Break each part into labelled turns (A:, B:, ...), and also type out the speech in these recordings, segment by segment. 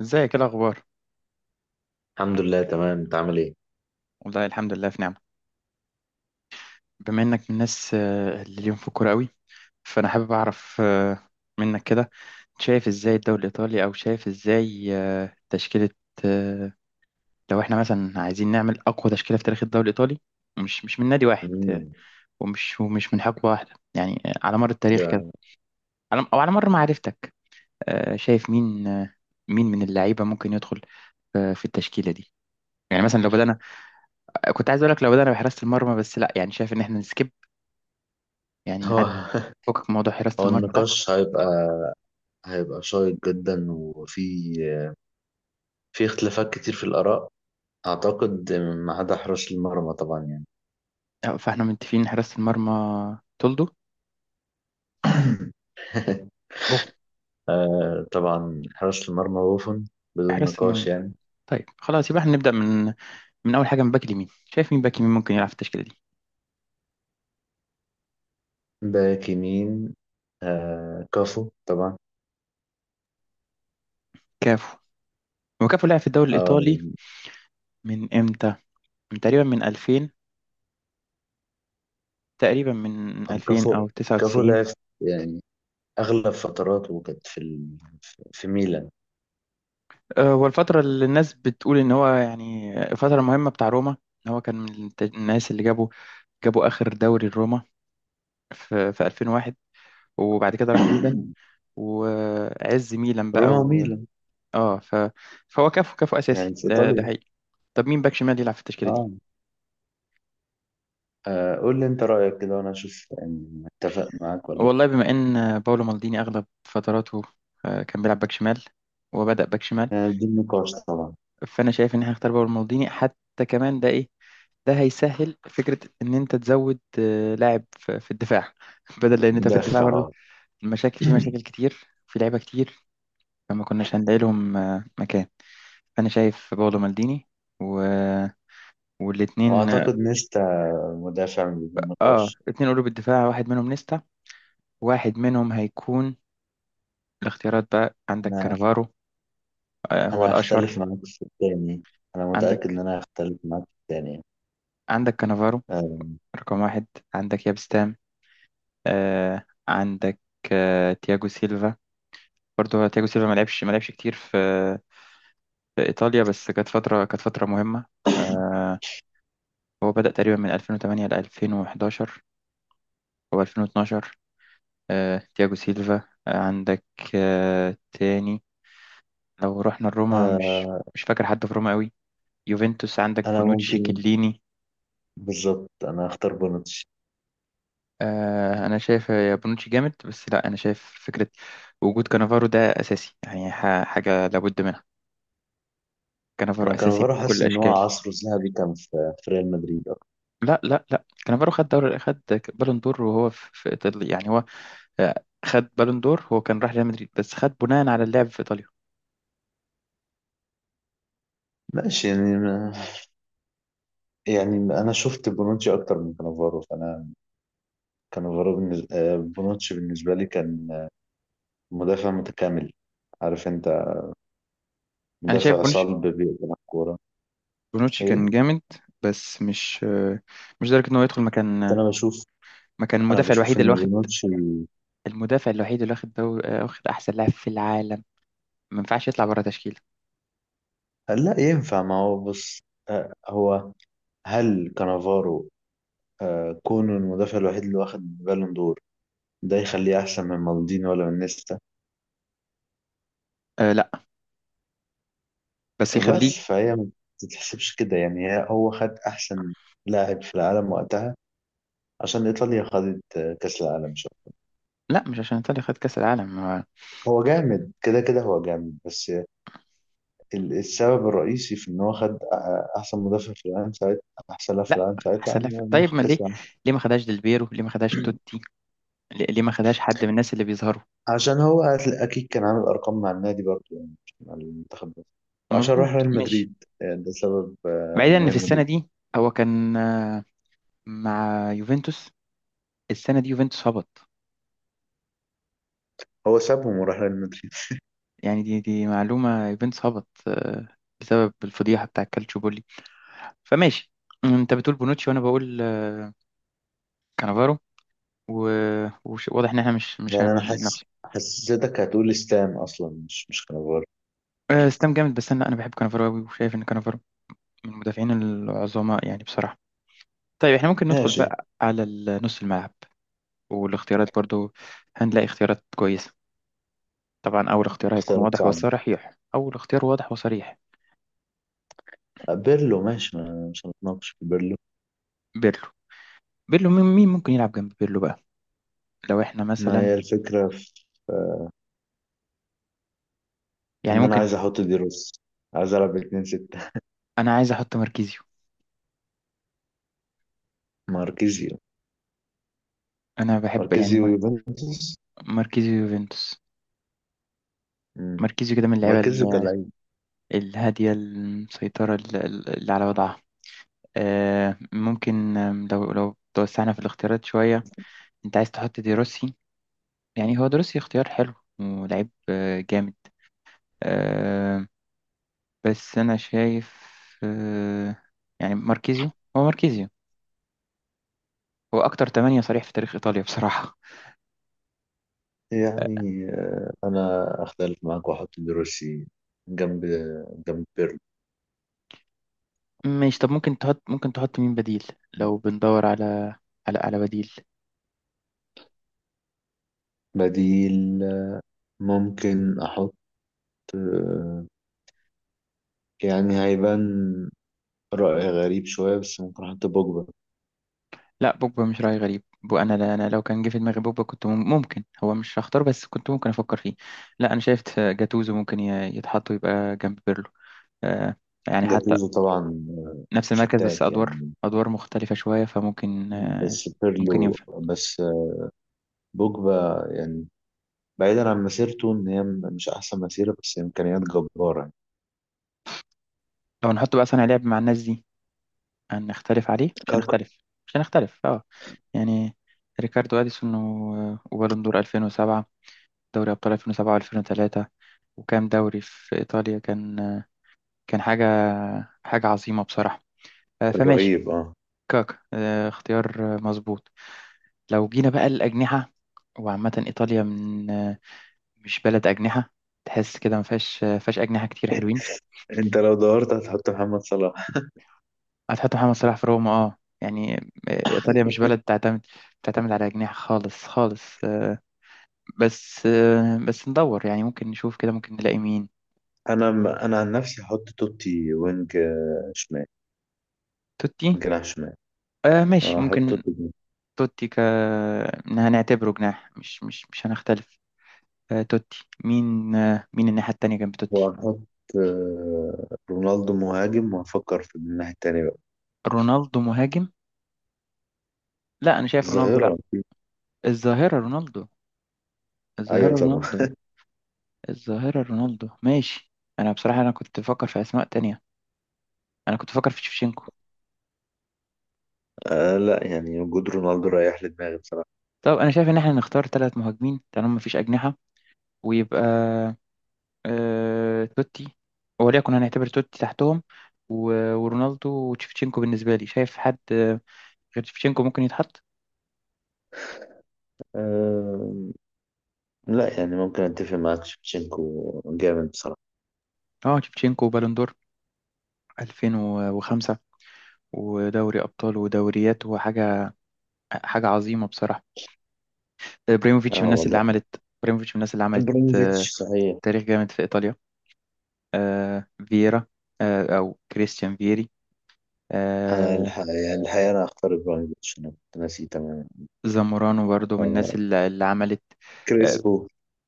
A: ازيك ايه الاخبار.
B: الحمد لله تمام، انت عامل ايه؟
A: والله الحمد لله في نعمه. بما انك من الناس اللي ليهم في الكوره قوي، فانا حابب اعرف منك كده، شايف ازاي الدوري الايطالي، او شايف ازاي تشكيله. آه، لو احنا مثلا عايزين نعمل اقوى تشكيله في تاريخ الدوري الايطالي، مش من نادي واحد،
B: امم
A: ومش من حقبه واحده، يعني على مر التاريخ كده،
B: ده
A: على على مر معرفتك، شايف مين، مين من اللعيبه ممكن يدخل في التشكيله دي. يعني مثلا لو بدأنا، كنت عايز اقول لك لو بدأنا بحراسة المرمى، بس لا، يعني شايف ان احنا يعني
B: هو
A: نعدي، فكك من موضوع حراسة
B: هو
A: المرمى ده.
B: النقاش هيبقى هيبقى شيق جدا، وفي اختلافات كتير في الآراء. اعتقد ما عدا حراس المرمى طبعا، يعني
A: أه، فاحنا متفقين إن حراسة المرمى تولدو، بوف.
B: طبعا حراس المرمى بوفون، بدون
A: حراسة
B: نقاش
A: المرمى،
B: يعني.
A: طيب خلاص يبقى احنا نبدأ من أول حاجة من باك اليمين. شايف مين باك يمين ممكن يلعب في التشكيلة دي؟
B: باك يمين كافو طبعا.
A: كافو. هو كافو لعب في الدوري
B: آه،
A: الإيطالي من إمتى؟ من تقريبا من 2000، تقريبا من 2000
B: كافو
A: أو
B: كافو
A: 99.
B: لعب يعني اغلب فتراته كانت في ميلان.
A: أه، هو الفترة اللي الناس بتقول إن هو يعني فترة مهمة بتاع روما، إن هو كان من الناس اللي جابوا آخر دوري لروما في في 2001، وبعد كده راح ميلان وعز ميلان بقى
B: روما
A: و...
B: وميلان،
A: اه ف... فهو كفو
B: يعني
A: اساسي،
B: في
A: ده ده
B: ايطاليا.
A: حقيقي. طب مين باك شمال يلعب في التشكيله دي؟
B: اه، قول لي انت رأيك كده وانا اشوف، يعني متفق معاك ولا لا.
A: والله بما ان باولو مالديني اغلب فتراته كان بيلعب باك شمال، وبدأ باك شمال،
B: بدون نقاش طبعا.
A: فانا شايف ان احنا هنختار باولو مالديني. حتى كمان ده ايه، ده هيسهل فكره ان انت تزود لاعب في في الدفاع بدل لان انت في الدفاع
B: مدافع،
A: برضه
B: اه.
A: المشاكل، في مشاكل كتير، في لعيبه كتير، فما كناش هنلاقي لهم مكان. فانا شايف باولو مالديني و... والاتنين.
B: واعتقد نيستا مدافع من بدون
A: اه
B: نقاش.
A: اتنين قلوب الدفاع، واحد منهم نيستا، واحد منهم هيكون الاختيارات بقى. عندك
B: انا
A: كانافارو، آه هو
B: انا هختلف
A: الأشهر.
B: معاك في الثاني، انا متأكد ان
A: عندك
B: انا هختلف معاك في الثاني.
A: عندك كانافارو
B: آه.
A: رقم واحد، عندك يابستام، آه عندك آه تياجو سيلفا. برضه هو تياجو سيلفا ما لعبش كتير في في إيطاليا، بس كانت فترة، كانت فترة مهمة. آه هو بدأ تقريبا من 2008 ل 2011 أو 2012. آه تياجو سيلفا، آه عندك آه تاني، لو رحنا لروما، مش
B: آه.
A: مش فاكر حد في روما قوي. يوفنتوس عندك
B: انا
A: بونوتشي
B: ممكن،
A: كليني.
B: بالظبط انا هختار بونوتشي.
A: آه انا شايف يا بونوتشي جامد، بس لا انا شايف فكره وجود كانافارو ده اساسي، يعني حاجه لابد منها. كانافارو
B: انا كان
A: اساسي
B: بروح
A: بكل
B: احس ان هو
A: الاشكال.
B: عصره الذهبي كان في ريال مدريد أكتر.
A: لا، كانافارو خد دور، خد بالون دور وهو في في ايطاليا، يعني هو آه، خد بالون دور. هو كان راح ريال مدريد بس خد بناء على اللعب في ايطاليا.
B: ماشي، يعني انا شفت بونوتشي اكتر من كانافارو، فانا كان الغراب بالنسبة بونوتشي بالنسبة لي كان مدافع متكامل، عارف انت،
A: انا شايف
B: مدافع
A: بونوتشي،
B: صلب بيقدم الكورة.
A: بونوتشي كان
B: ايه.
A: جامد بس مش مش لدرجه ان هو يدخل
B: كنت
A: مكان،
B: انا بشوف
A: مكان
B: انا
A: المدافع
B: بشوف
A: الوحيد اللي
B: ان
A: واخد،
B: بونوتشي
A: المدافع الوحيد اللي واخد دور واخد احسن لاعب في العالم، ما ينفعش يطلع بره تشكيله.
B: لا ينفع. ما هو بص، آه، هو هل كانافارو، كونه المدافع الوحيد اللي واخد بالون دور، ده يخليه احسن من مالديني ولا من نيستا؟
A: أه لا، بس يخليه.
B: بس فهي ما تتحسبش كده يعني، هو خد احسن لاعب في العالم وقتها عشان ايطاليا خدت كاس العالم. شو،
A: لا مش عشان ايطاليا خد كاس العالم.
B: هو جامد كده كده هو جامد، بس السبب الرئيسي في ان هو خد احسن مدافع في العالم ساعتها، احسن لاعب في
A: لا،
B: العالم ساعتها،
A: احسن لها.
B: عن مخ
A: طيب ما
B: كاس
A: ليه،
B: العالم.
A: ليه ما خدهاش ديلبيرو، ليه ما خدهاش توتي، ليه ما خدهاش حد من الناس اللي بيظهروا؟
B: عشان اكيد كان عامل ارقام مع النادي برضه، يعني مش مع المنتخب بس، وعشان
A: مظبوط
B: راح ريال
A: ماشي.
B: مدريد. يعني ده سبب
A: بعيدا ان في
B: مهم
A: السنه
B: جدا.
A: دي هو كان مع يوفنتوس، السنه دي يوفنتوس هبط،
B: هو سابهم وراح ريال مدريد.
A: يعني دي معلومه. يوفنتوس هبط بسبب الفضيحه بتاع كالتشوبولي. فماشي، انت بتقول بونوتشي وانا بقول كانافارو. واضح ان احنا مش
B: يعني انا
A: هنختلف.
B: حاسس حسيتك هتقول ستام اصلا، مش كانافارو.
A: آه، ستام جامد، بس انا بحب كانافارو قوي وشايف ان كانافارو من المدافعين العظماء يعني بصراحه. طيب احنا ممكن ندخل
B: ماشي.
A: بقى على نص الملعب والاختيارات برضو. هنلاقي اختيارات كويسه. طبعا اول اختيار هيكون
B: اختيارات
A: واضح
B: صعبة.
A: وصريح، اول اختيار واضح وصريح،
B: بيرلو ماشي، ما مش هنتناقش في بيرلو.
A: بيرلو. بيرلو، مين ممكن يلعب جنب بيرلو بقى؟ لو احنا
B: ما
A: مثلا
B: هي الفكرة في آه،
A: يعني
B: ان انا
A: ممكن،
B: عايز احط دي روس عايز العب 2 6.
A: انا عايز احط ماركيزيو.
B: ماركيزيو.
A: انا بحب يعني
B: ماركيزيو ويوفنتوس.
A: ماركيزيو يوفنتوس.
B: مم.
A: ماركيزيو كده من اللعيبه
B: ماركيزيو كلاعب
A: الهاديه المسيطره، اللي على وضعها. آه، ممكن آم، لو لو توسعنا في الاختيارات شوية انت عايز تحط دي روسي، يعني هو دروسي اختيار حلو ولعيب جامد، آه، بس انا شايف آه، يعني ماركيزيو، هو ماركيزيو، هو اكتر تمانية صريح في تاريخ ايطاليا بصراحة. آه،
B: يعني انا اختلف معاك واحط دروسي جنب جنب بيرلو.
A: ماشي. طب ممكن تحط، ممكن تحط مين بديل لو بندور على على بديل؟
B: بديل ممكن احط آه، يعني هيبان رأي غريب شوية، بس ممكن احط بوجبا.
A: لا بوجبا مش رأي غريب. انا لا، انا لو كان جه في دماغي بوجبا كنت ممكن هو مش هختار، بس كنت ممكن افكر فيه. لا انا شايف جاتوزو ممكن يتحط ويبقى جنب بيرلو. آه، يعني حتى
B: جاتوزو طبعا
A: نفس المركز بس
B: فتاك
A: ادوار،
B: يعني،
A: ادوار مختلفة شوية فممكن آه
B: بس
A: ممكن
B: بيرلو
A: ينفع.
B: بس بوجبا يعني، بعيدا عن مسيرته ان هي مش احسن مسيرة، بس امكانيات جبارة.
A: لو نحط بقى صانع لعب مع الناس دي هنختلف عليه مش
B: كاكا.
A: هنختلف، مش هنختلف اه، يعني ريكاردو اديسون وبالون دور 2007، دوري ابطال 2007 و2003، وكام دوري في ايطاليا، كان كان حاجة، حاجة عظيمة بصراحة. آه، فماشي.
B: رهيب، اه.
A: كاكا آه، اختيار آه، مظبوط. لو جينا بقى الأجنحة، وعامة إيطاليا من مش بلد أجنحة، تحس كده ما فيهاش فيهاش أجنحة كتير حلوين.
B: انت لو دورت هتحط محمد صلاح.
A: هتحط محمد صلاح في روما اه يعني. آه، إيطاليا مش بلد تعتمد، تعتمد على أجنحة خالص خالص. بس آه، بس ندور يعني، ممكن نشوف كده، ممكن نلاقي مين.
B: انا عن نفسي هحط توتي وينج شمال.
A: توتي،
B: جناح شمال.
A: آه ماشي
B: هحط
A: ممكن.
B: توتي جناح.
A: توتي ك إن هنعتبره جناح مش هنختلف. آه، توتي، مين مين الناحية التانية جنب توتي.
B: وهحط رونالدو مهاجم، وهفكر في الناحية التانية بقى.
A: رونالدو مهاجم، لا أنا شايف رونالدو
B: الظاهرة
A: لا،
B: أكيد.
A: الظاهرة رونالدو، الظاهرة
B: ايوه طبعا.
A: رونالدو، الظاهرة رونالدو ماشي. أنا بصراحة، أنا كنت بفكر في أسماء تانية، أنا كنت بفكر في شيفشينكو.
B: آه لا، يعني وجود رونالدو رايح لدماغي بصراحة.
A: طب أنا شايف إن إحنا نختار ثلاث مهاجمين طالما مفيش أجنحة، ويبقى آه... توتي، وليكن هنعتبر توتي تحتهم، و... ورونالدو وتشيفتشينكو. بالنسبة لي شايف حد غير تشيفتشينكو ممكن يتحط؟
B: آه لا، يعني ممكن اتفق معاك، شفتشينكو جامد بصراحة.
A: اه تشيفتشينكو وبالون دور 2005، ودوري ابطال ودوريات، هو حاجه، حاجه عظيمه بصراحه. آه، ابراهيموفيتش من
B: اه
A: الناس اللي
B: والله.
A: عملت، ابراهيموفيتش من الناس اللي عملت آه،
B: ابراهيموفيتش صحيح.
A: تاريخ جامد في ايطاليا. آه، فييرا، آه، او كريستيان فيري، آه،
B: يعني الحقيقة انا اختار ابراهيموفيتش، انا كنت ناسي تماما
A: زامورانو برضو من
B: آه،
A: الناس اللي عملت. آه،
B: كريسبو.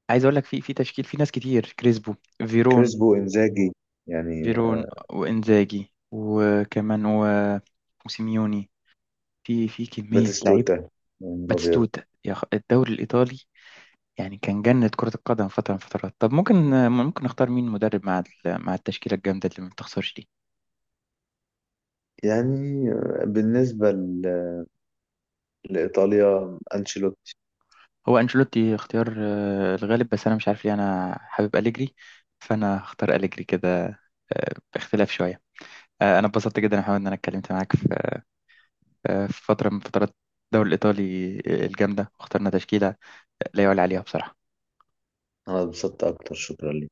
A: عايز اقول لك في في تشكيل، في ناس كتير، كريسبو، فيرون،
B: كريسبو، انزاجي، يعني
A: فيرون وانزاجي وكمان وسيميوني. في في كميه لعيب.
B: باتيستوتا من الابيض.
A: باتيستوتا، الدوري الايطالي يعني كان جنة كرة القدم، فترة من فترات. طب ممكن، ممكن نختار مين مدرب مع مع التشكيلة الجامدة اللي ما بتخسرش دي؟
B: يعني بالنسبه لايطاليا انشيلوتي.
A: هو أنشيلوتي اختيار الغالب، بس أنا مش عارف ليه أنا حابب أليجري، فأنا هختار أليجري كده باختلاف شوية. آه، أنا اتبسطت جدا يا محمد إن أنا اتكلمت معاك في في فترة من فترات الدوري الإيطالي الجامدة، واخترنا تشكيلة لا يعلى عليها بصراحة.
B: انا اتبسطت اكتر، شكرا لك.